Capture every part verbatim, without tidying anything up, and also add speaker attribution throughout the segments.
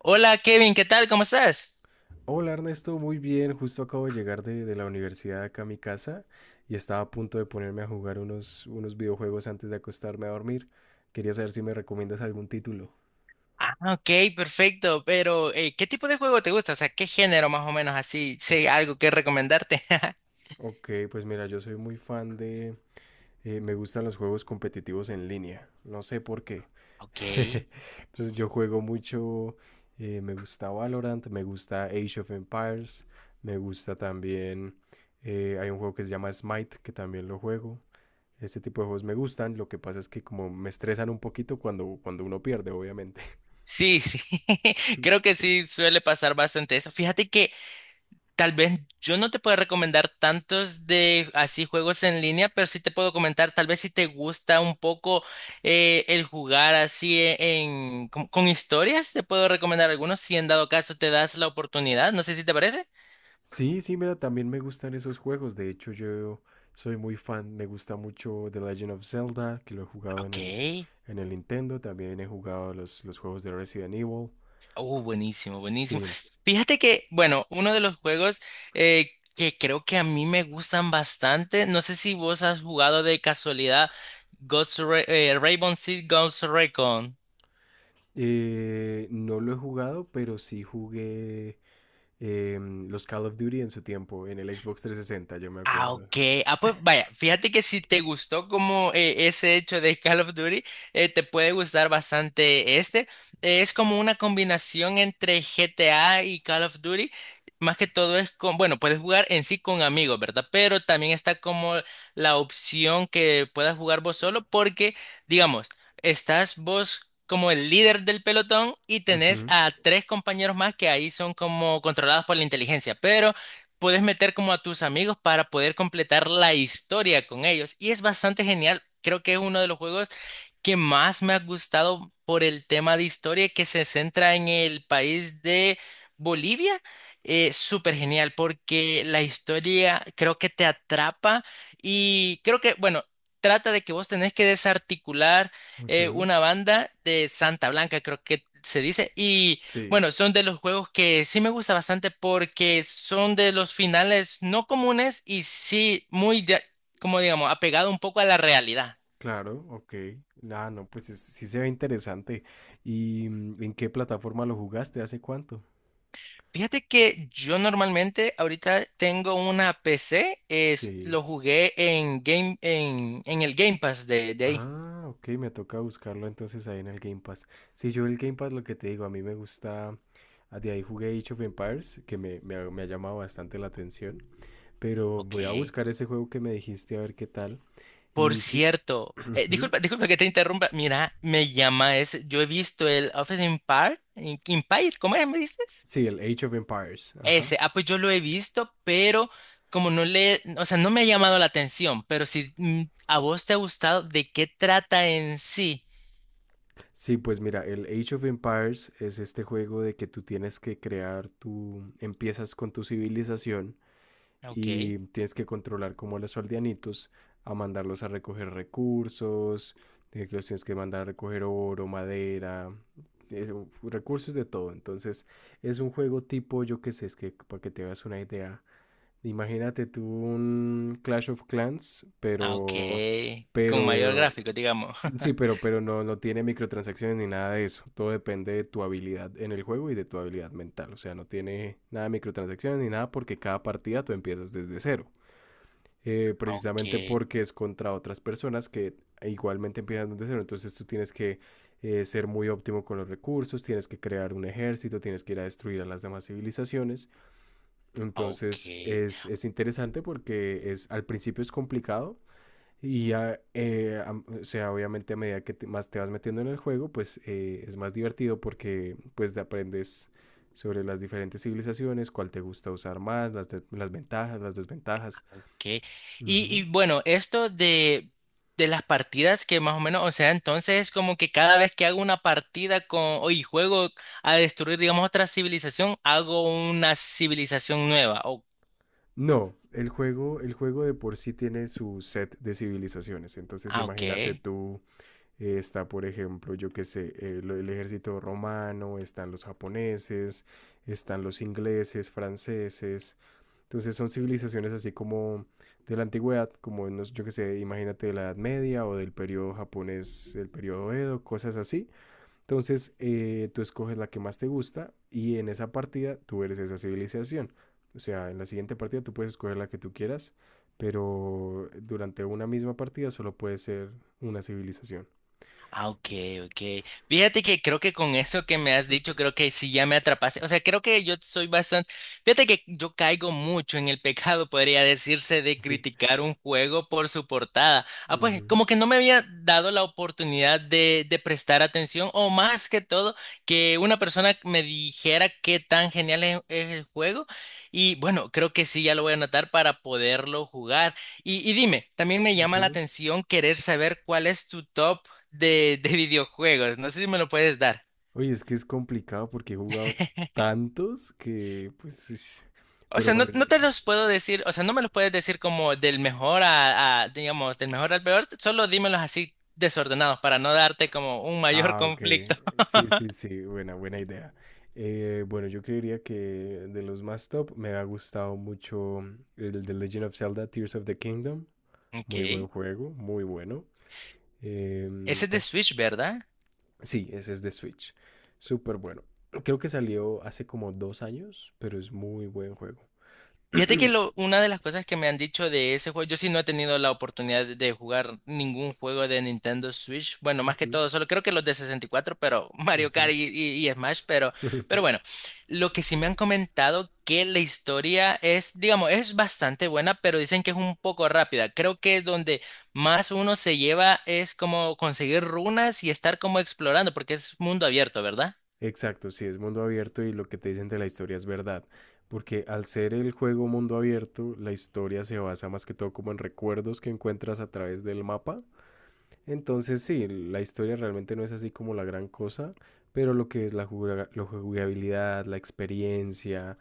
Speaker 1: Hola Kevin, ¿qué tal? ¿Cómo estás?
Speaker 2: Hola Ernesto, muy bien. Justo acabo de llegar de, de la universidad acá a mi casa y estaba a punto de ponerme a jugar unos, unos videojuegos antes de acostarme a dormir. Quería saber si me recomiendas algún título.
Speaker 1: Ah, ok, perfecto. Pero, eh, ¿qué tipo de juego te gusta? O sea, ¿qué género más o menos así? Sé algo que recomendarte.
Speaker 2: Ok, pues mira, yo soy muy fan de... eh, me gustan los juegos competitivos en línea. No sé por qué.
Speaker 1: Ok.
Speaker 2: Entonces yo juego mucho... eh, Me gusta Valorant, me gusta Age of Empires, me gusta también... eh, Hay un juego que se llama Smite, que también lo juego. Este tipo de juegos me gustan, lo que pasa es que como me estresan un poquito cuando, cuando uno pierde, obviamente.
Speaker 1: Sí, sí. Creo que sí suele pasar bastante eso. Fíjate que tal vez yo no te puedo recomendar tantos de así juegos en línea, pero sí te puedo comentar, tal vez si te gusta un poco eh, el jugar así e- en, con, con historias, te puedo recomendar algunos si en dado caso te das la oportunidad. No sé si te parece.
Speaker 2: Sí, sí, mira, también me gustan esos juegos. De hecho, yo soy muy fan, me gusta mucho The Legend of Zelda, que lo he jugado en
Speaker 1: Ok.
Speaker 2: el, en el Nintendo. También he jugado los, los juegos de Resident Evil.
Speaker 1: Oh, buenísimo, buenísimo.
Speaker 2: Sí,
Speaker 1: Fíjate que, bueno, uno de los juegos eh, que creo que a mí me gustan bastante, no sé si vos has jugado de casualidad Ghost Ra- eh, Rainbow Six Ghost Recon.
Speaker 2: eh, no lo he jugado, pero sí jugué eh, los Call of Duty en su tiempo, en el Xbox trescientos sesenta, yo me
Speaker 1: Ah,
Speaker 2: acuerdo.
Speaker 1: ok. Ah, pues vaya, fíjate que si te gustó como eh, ese hecho de Call of Duty, eh, te puede gustar bastante este. Eh, es como una combinación entre G T A y Call of Duty. Más que todo es con, bueno, puedes jugar en sí con amigos, ¿verdad? Pero también está como la opción que puedas jugar vos solo porque, digamos, estás vos como el líder del pelotón y tenés
Speaker 2: Ujú,
Speaker 1: a tres compañeros más que ahí son como controlados por la inteligencia. Pero puedes meter como a tus amigos para poder completar la historia con ellos. Y es bastante genial. Creo que es uno de los juegos que más me ha gustado por el tema de historia que se centra en el país de Bolivia. Eh, súper genial porque la historia creo que te atrapa y creo que, bueno, trata de que vos tenés que desarticular eh,
Speaker 2: ujú,
Speaker 1: una banda de Santa Blanca, creo que se dice, y
Speaker 2: sí.
Speaker 1: bueno, son de los juegos que sí me gusta bastante porque son de los finales no comunes y sí muy, ya- como digamos, apegado un poco a la realidad.
Speaker 2: Claro, ok. Ah, no, pues es- sí se ve interesante. ¿Y mm, en qué plataforma lo jugaste? ¿Hace cuánto?
Speaker 1: Fíjate que yo normalmente ahorita tengo una P C, es,
Speaker 2: Sí.
Speaker 1: lo jugué en Game, en, en el Game Pass de, de ahí.
Speaker 2: Ah, ok, me toca buscarlo entonces ahí en el Game Pass. Sí, yo el Game Pass lo que te digo, a mí me gusta, ah, de ahí jugué Age of Empires, que me, me ha, me ha llamado bastante la atención, pero voy a
Speaker 1: Ok.
Speaker 2: buscar ese juego que me dijiste a ver qué tal.
Speaker 1: Por
Speaker 2: Y que...
Speaker 1: cierto, eh,
Speaker 2: Ujú.
Speaker 1: disculpa, disculpa que te interrumpa. Mira, me llama ese. Yo he visto el Office Empire, Empire, ¿cómo es? ¿Me dices?
Speaker 2: Sí, el Age of Empires, ajá.
Speaker 1: Ese, ah, pues yo lo he visto, pero como no le, o sea, no me ha llamado la atención, pero si mm, a vos te ha gustado, ¿de qué trata en sí?
Speaker 2: Sí, pues mira, el Age of Empires es este juego de que tú tienes que crear tu, empiezas con tu civilización
Speaker 1: Ok,
Speaker 2: y tienes que controlar como a los aldeanitos, a mandarlos a recoger recursos, eh, que los tienes que mandar a recoger oro, madera, es- recursos de todo. Entonces, es un juego tipo, yo qué sé, es que para que te hagas una idea, imagínate tú un Clash of Clans,
Speaker 1: ah, ok,
Speaker 2: pero,
Speaker 1: con
Speaker 2: pero
Speaker 1: mayor
Speaker 2: eh,
Speaker 1: gráfico, digamos.
Speaker 2: Sí, pero, pero no, no tiene microtransacciones ni nada de eso. Todo depende de tu habilidad en el juego y de tu habilidad mental. O sea, no tiene nada de microtransacciones ni nada porque cada partida tú empiezas desde cero. Eh,
Speaker 1: Ah,
Speaker 2: precisamente
Speaker 1: ok,
Speaker 2: porque es contra otras personas que igualmente empiezan desde cero. Entonces tú tienes que eh, ser muy óptimo con los recursos, tienes que crear un ejército, tienes que ir a destruir a las demás civilizaciones.
Speaker 1: ah, ok,
Speaker 2: Entonces es, es interesante porque es, al principio es complicado y ya, eh, am- o sea, obviamente a medida que te- más te vas metiendo en el juego, pues eh, es más divertido porque pues te aprendes sobre las diferentes civilizaciones, cuál te gusta usar más, las, de- las ventajas, las desventajas.
Speaker 1: ok. Y, y
Speaker 2: Ujú.
Speaker 1: bueno, esto de, de las partidas que más o menos, o sea, entonces es como que cada vez que hago una partida con, o y juego a destruir, digamos, otra civilización, hago una civilización nueva. Oh,
Speaker 2: No, el juego, el juego de por sí tiene su set de civilizaciones. Entonces,
Speaker 1: ah, ok.
Speaker 2: imagínate tú, eh, está, por ejemplo, yo qué sé, eh, lo- el ejército romano, están los japoneses, están los ingleses, franceses. Entonces son civilizaciones así como de la antigüedad, como en los- yo que sé, imagínate de la Edad Media o del periodo japonés, el periodo Edo, cosas así. Entonces eh, tú escoges la que más te gusta y en esa partida tú eres esa civilización. O sea, en la siguiente partida tú puedes escoger la que tú quieras, pero durante una misma partida solo puede ser una civilización.
Speaker 1: Ah, ok, ok. Fíjate que creo que con eso que me has dicho, creo que sí ya me atrapaste. O sea, creo que yo soy bastante. Fíjate que yo caigo mucho en el pecado, podría decirse, de criticar un juego por su portada. Ah, pues como
Speaker 2: Ujú,
Speaker 1: que no me había dado la oportunidad de, de prestar atención, o más que todo, que una persona me dijera qué tan genial es, es el juego. Y bueno, creo que sí ya lo voy a anotar para poderlo jugar. Y, y dime, también me llama la
Speaker 2: ujú.
Speaker 1: atención querer saber cuál es tu top de, de videojuegos. No sé si me lo puedes dar.
Speaker 2: Oye, es que es complicado porque he jugado tantos que, pues, es-
Speaker 1: O
Speaker 2: pero
Speaker 1: sea, no,
Speaker 2: bueno, yo-
Speaker 1: no te los puedo decir, o sea, no me los puedes decir como del mejor a, a, digamos, del mejor al peor, solo dímelos así desordenados para no darte como un mayor
Speaker 2: Ah, ok.
Speaker 1: conflicto.
Speaker 2: Sí, sí, sí. Buena, buena idea. Eh, bueno, yo creería que de los más top me ha gustado mucho el The Legend of Zelda Tears of the Kingdom. Muy
Speaker 1: Ok.
Speaker 2: buen juego, muy bueno.
Speaker 1: Ese
Speaker 2: Em,
Speaker 1: es de
Speaker 2: te-
Speaker 1: Switch, ¿verdad?
Speaker 2: sí, ese es de Switch. Súper bueno. Creo que salió hace como dos años, pero es muy buen juego.
Speaker 1: Fíjate que lo- una de las cosas que me han dicho de ese juego, yo sí no he tenido la oportunidad de jugar ningún juego de Nintendo Switch, bueno, más que
Speaker 2: Ujú,
Speaker 1: todo, solo creo que los de sesenta y cuatro, pero Mario
Speaker 2: ujú.
Speaker 1: Kart y, y- y Smash, pero, pero bueno, lo que sí me han comentado que la historia es, digamos, es bastante buena, pero dicen que es un poco rápida. Creo que donde más uno se lleva es como conseguir runas y estar como explorando, porque es mundo abierto, ¿verdad?
Speaker 2: Exacto, sí, es mundo abierto y lo que te dicen de la historia es verdad, porque al ser el juego mundo abierto, la historia se basa más que todo como en recuerdos que encuentras a través del mapa. Entonces sí, la historia realmente no es así como la gran cosa, pero lo que es la, juga- la jugabilidad, la experiencia,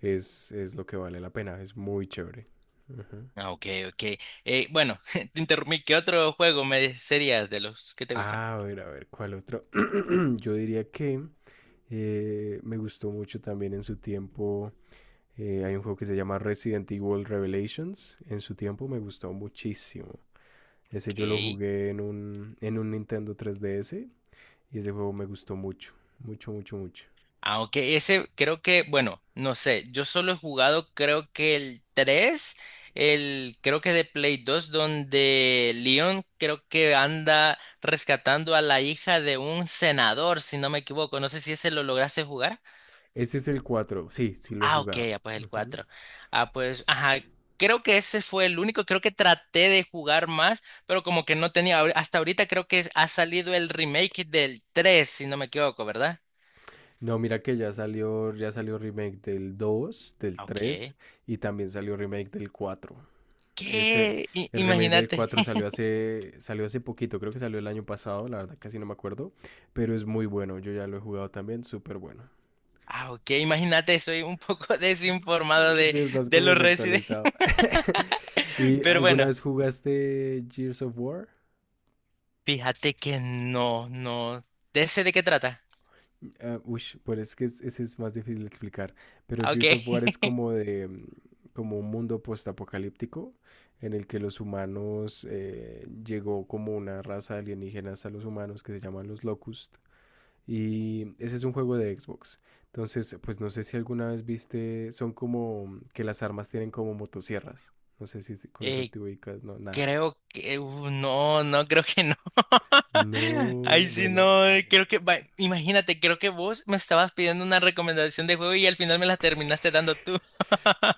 Speaker 2: es, es lo que vale la pena, es muy chévere. Ujú.
Speaker 1: Ah, ok, ok. Eh, bueno, te interrumpí. ¿Qué otro juego me sería de los que te gustan?
Speaker 2: A ver, a ver, ¿cuál otro? Yo diría que eh, me gustó mucho también en su tiempo. Eh, hay un juego que se llama Resident Evil Revelations. En su tiempo me gustó muchísimo. Ese
Speaker 1: Ok.
Speaker 2: yo lo jugué en un, en un Nintendo tres D S y ese juego me gustó mucho, mucho, mucho, mucho.
Speaker 1: Ah, ok. Ese creo que, bueno, no sé. Yo solo he jugado, creo que el tres, el, creo que de Play dos, donde Leon creo que anda rescatando a la hija de un senador, si no me equivoco. No sé si ese lo lograste jugar.
Speaker 2: Ese es el cuatro. Sí, sí lo he
Speaker 1: Ah, ok,
Speaker 2: jugado.
Speaker 1: ah, pues el
Speaker 2: Ujú.
Speaker 1: cuatro. Ah, pues, ajá, creo que ese fue el único, creo que traté de jugar más, pero como que no tenía, ahor- hasta ahorita creo que es- ha salido el remake del tres, si no me equivoco, ¿verdad?
Speaker 2: No, mira que ya salió, ya salió remake del dos, del
Speaker 1: Ah, ok.
Speaker 2: tres y también salió remake del cuatro. Ese,
Speaker 1: ¿Qué? I-
Speaker 2: el remake del
Speaker 1: imagínate.
Speaker 2: cuatro salió hace, salió hace poquito, creo que salió el año pasado, la verdad casi no me acuerdo, pero es muy bueno, yo ya lo he jugado también, súper bueno.
Speaker 1: Ah, ok, imagínate, estoy un poco desinformado
Speaker 2: Sí,
Speaker 1: de,
Speaker 2: estás
Speaker 1: de
Speaker 2: como
Speaker 1: los Resident,
Speaker 2: desactualizado. ¿Y
Speaker 1: pero
Speaker 2: alguna
Speaker 1: bueno,
Speaker 2: vez jugaste Gears of War?
Speaker 1: fíjate que no, no, ¿de ese de qué trata?
Speaker 2: Ah, ush, pero es que es- ese es más difícil de explicar. Pero
Speaker 1: Ah, ok.
Speaker 2: Gears of War es como de mm, como un mundo postapocalíptico en el que los humanos eh, llegó como una raza alienígena hasta los humanos que se llaman los Locust. Y ese es un juego de Xbox. Entonces, pues no sé si alguna vez viste, son como que las armas tienen como motosierras. No sé si si con eso
Speaker 1: Eh,
Speaker 2: te ubicas, no, nada.
Speaker 1: creo que uh, no, no creo que no.
Speaker 2: No,
Speaker 1: Ay sí
Speaker 2: bueno.
Speaker 1: no, eh, creo que va- imagínate, creo que vos me estabas pidiendo una recomendación de juego y al final me la terminaste dando tú.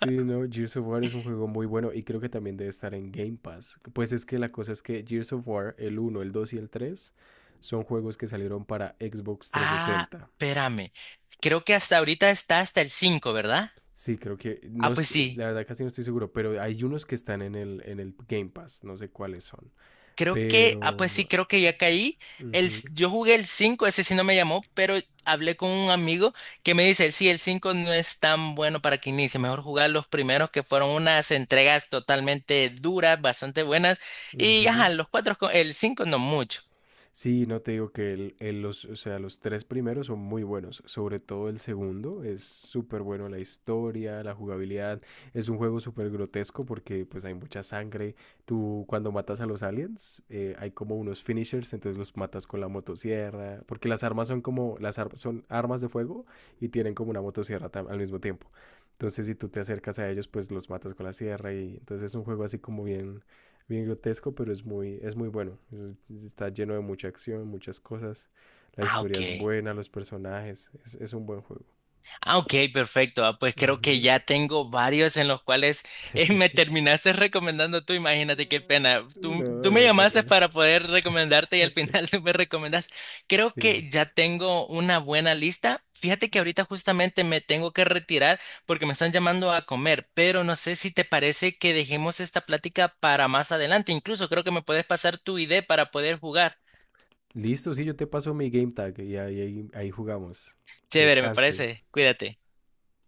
Speaker 2: Sí, no, Gears of War es un juego muy bueno y creo que también debe estar en Game Pass. Pues es que la cosa es que Gears of War, el uno, el dos y el tres, son juegos que salieron para Xbox trescientos
Speaker 1: Ah,
Speaker 2: sesenta.
Speaker 1: espérame. Creo que hasta ahorita está hasta el cinco, ¿verdad?
Speaker 2: Sí, creo que, no,
Speaker 1: Ah, pues
Speaker 2: s- eh,
Speaker 1: sí,
Speaker 2: la verdad casi no estoy seguro, pero hay unos que están en el, en el Game Pass, no sé cuáles son.
Speaker 1: creo que, ah, pues sí,
Speaker 2: Pero...
Speaker 1: creo que ya caí. El,
Speaker 2: ujú,
Speaker 1: s- yo jugué el cinco, ese sí no me llamó, pero hablé con un amigo que me dice, sí, el cinco no es tan bueno para que inicie, mejor jugar los primeros que fueron unas entregas totalmente duras, bastante buenas, y
Speaker 2: ujú.
Speaker 1: ajá, los cuatro, co- el cinco no mucho.
Speaker 2: Sí, no te digo que el, el- los, o sea, los tres primeros son muy buenos, sobre todo el segundo es súper bueno, la historia, la jugabilidad, es un juego súper grotesco porque pues hay mucha sangre, tú cuando matas a los aliens eh, hay como unos finishers, entonces los matas con la motosierra, porque las armas son como, las ar- son armas de fuego y tienen como una motosierra tam- al mismo tiempo, entonces si tú te acercas a ellos pues los matas con la sierra y entonces es un juego así como bien bien grotesco, pero es muy, es muy bueno. Es- está lleno de mucha acción, muchas cosas. La
Speaker 1: Ah,
Speaker 2: historia
Speaker 1: ok.
Speaker 2: es buena, los personajes. Es, es un buen juego.
Speaker 1: Ah, ok, perfecto. Ah, pues creo que
Speaker 2: Ujú.
Speaker 1: ya tengo varios en los cuales eh, me terminaste recomendando tú. Imagínate qué pena. Tú,
Speaker 2: No,
Speaker 1: tú me
Speaker 2: no, no,
Speaker 1: llamaste
Speaker 2: no.
Speaker 1: para poder recomendarte y al final tú me recomendas. Creo
Speaker 2: Sí.
Speaker 1: que ya tengo una buena lista. Fíjate que ahorita justamente me tengo que retirar porque me están llamando a comer, pero no sé si te parece que dejemos esta plática para más adelante. Incluso creo que me puedes pasar tu idea para poder jugar.
Speaker 2: Listo, sí, yo te paso mi game tag y ahí, ahí, ahí jugamos. Que
Speaker 1: Chévere, me
Speaker 2: descanses.
Speaker 1: parece. Cuídate.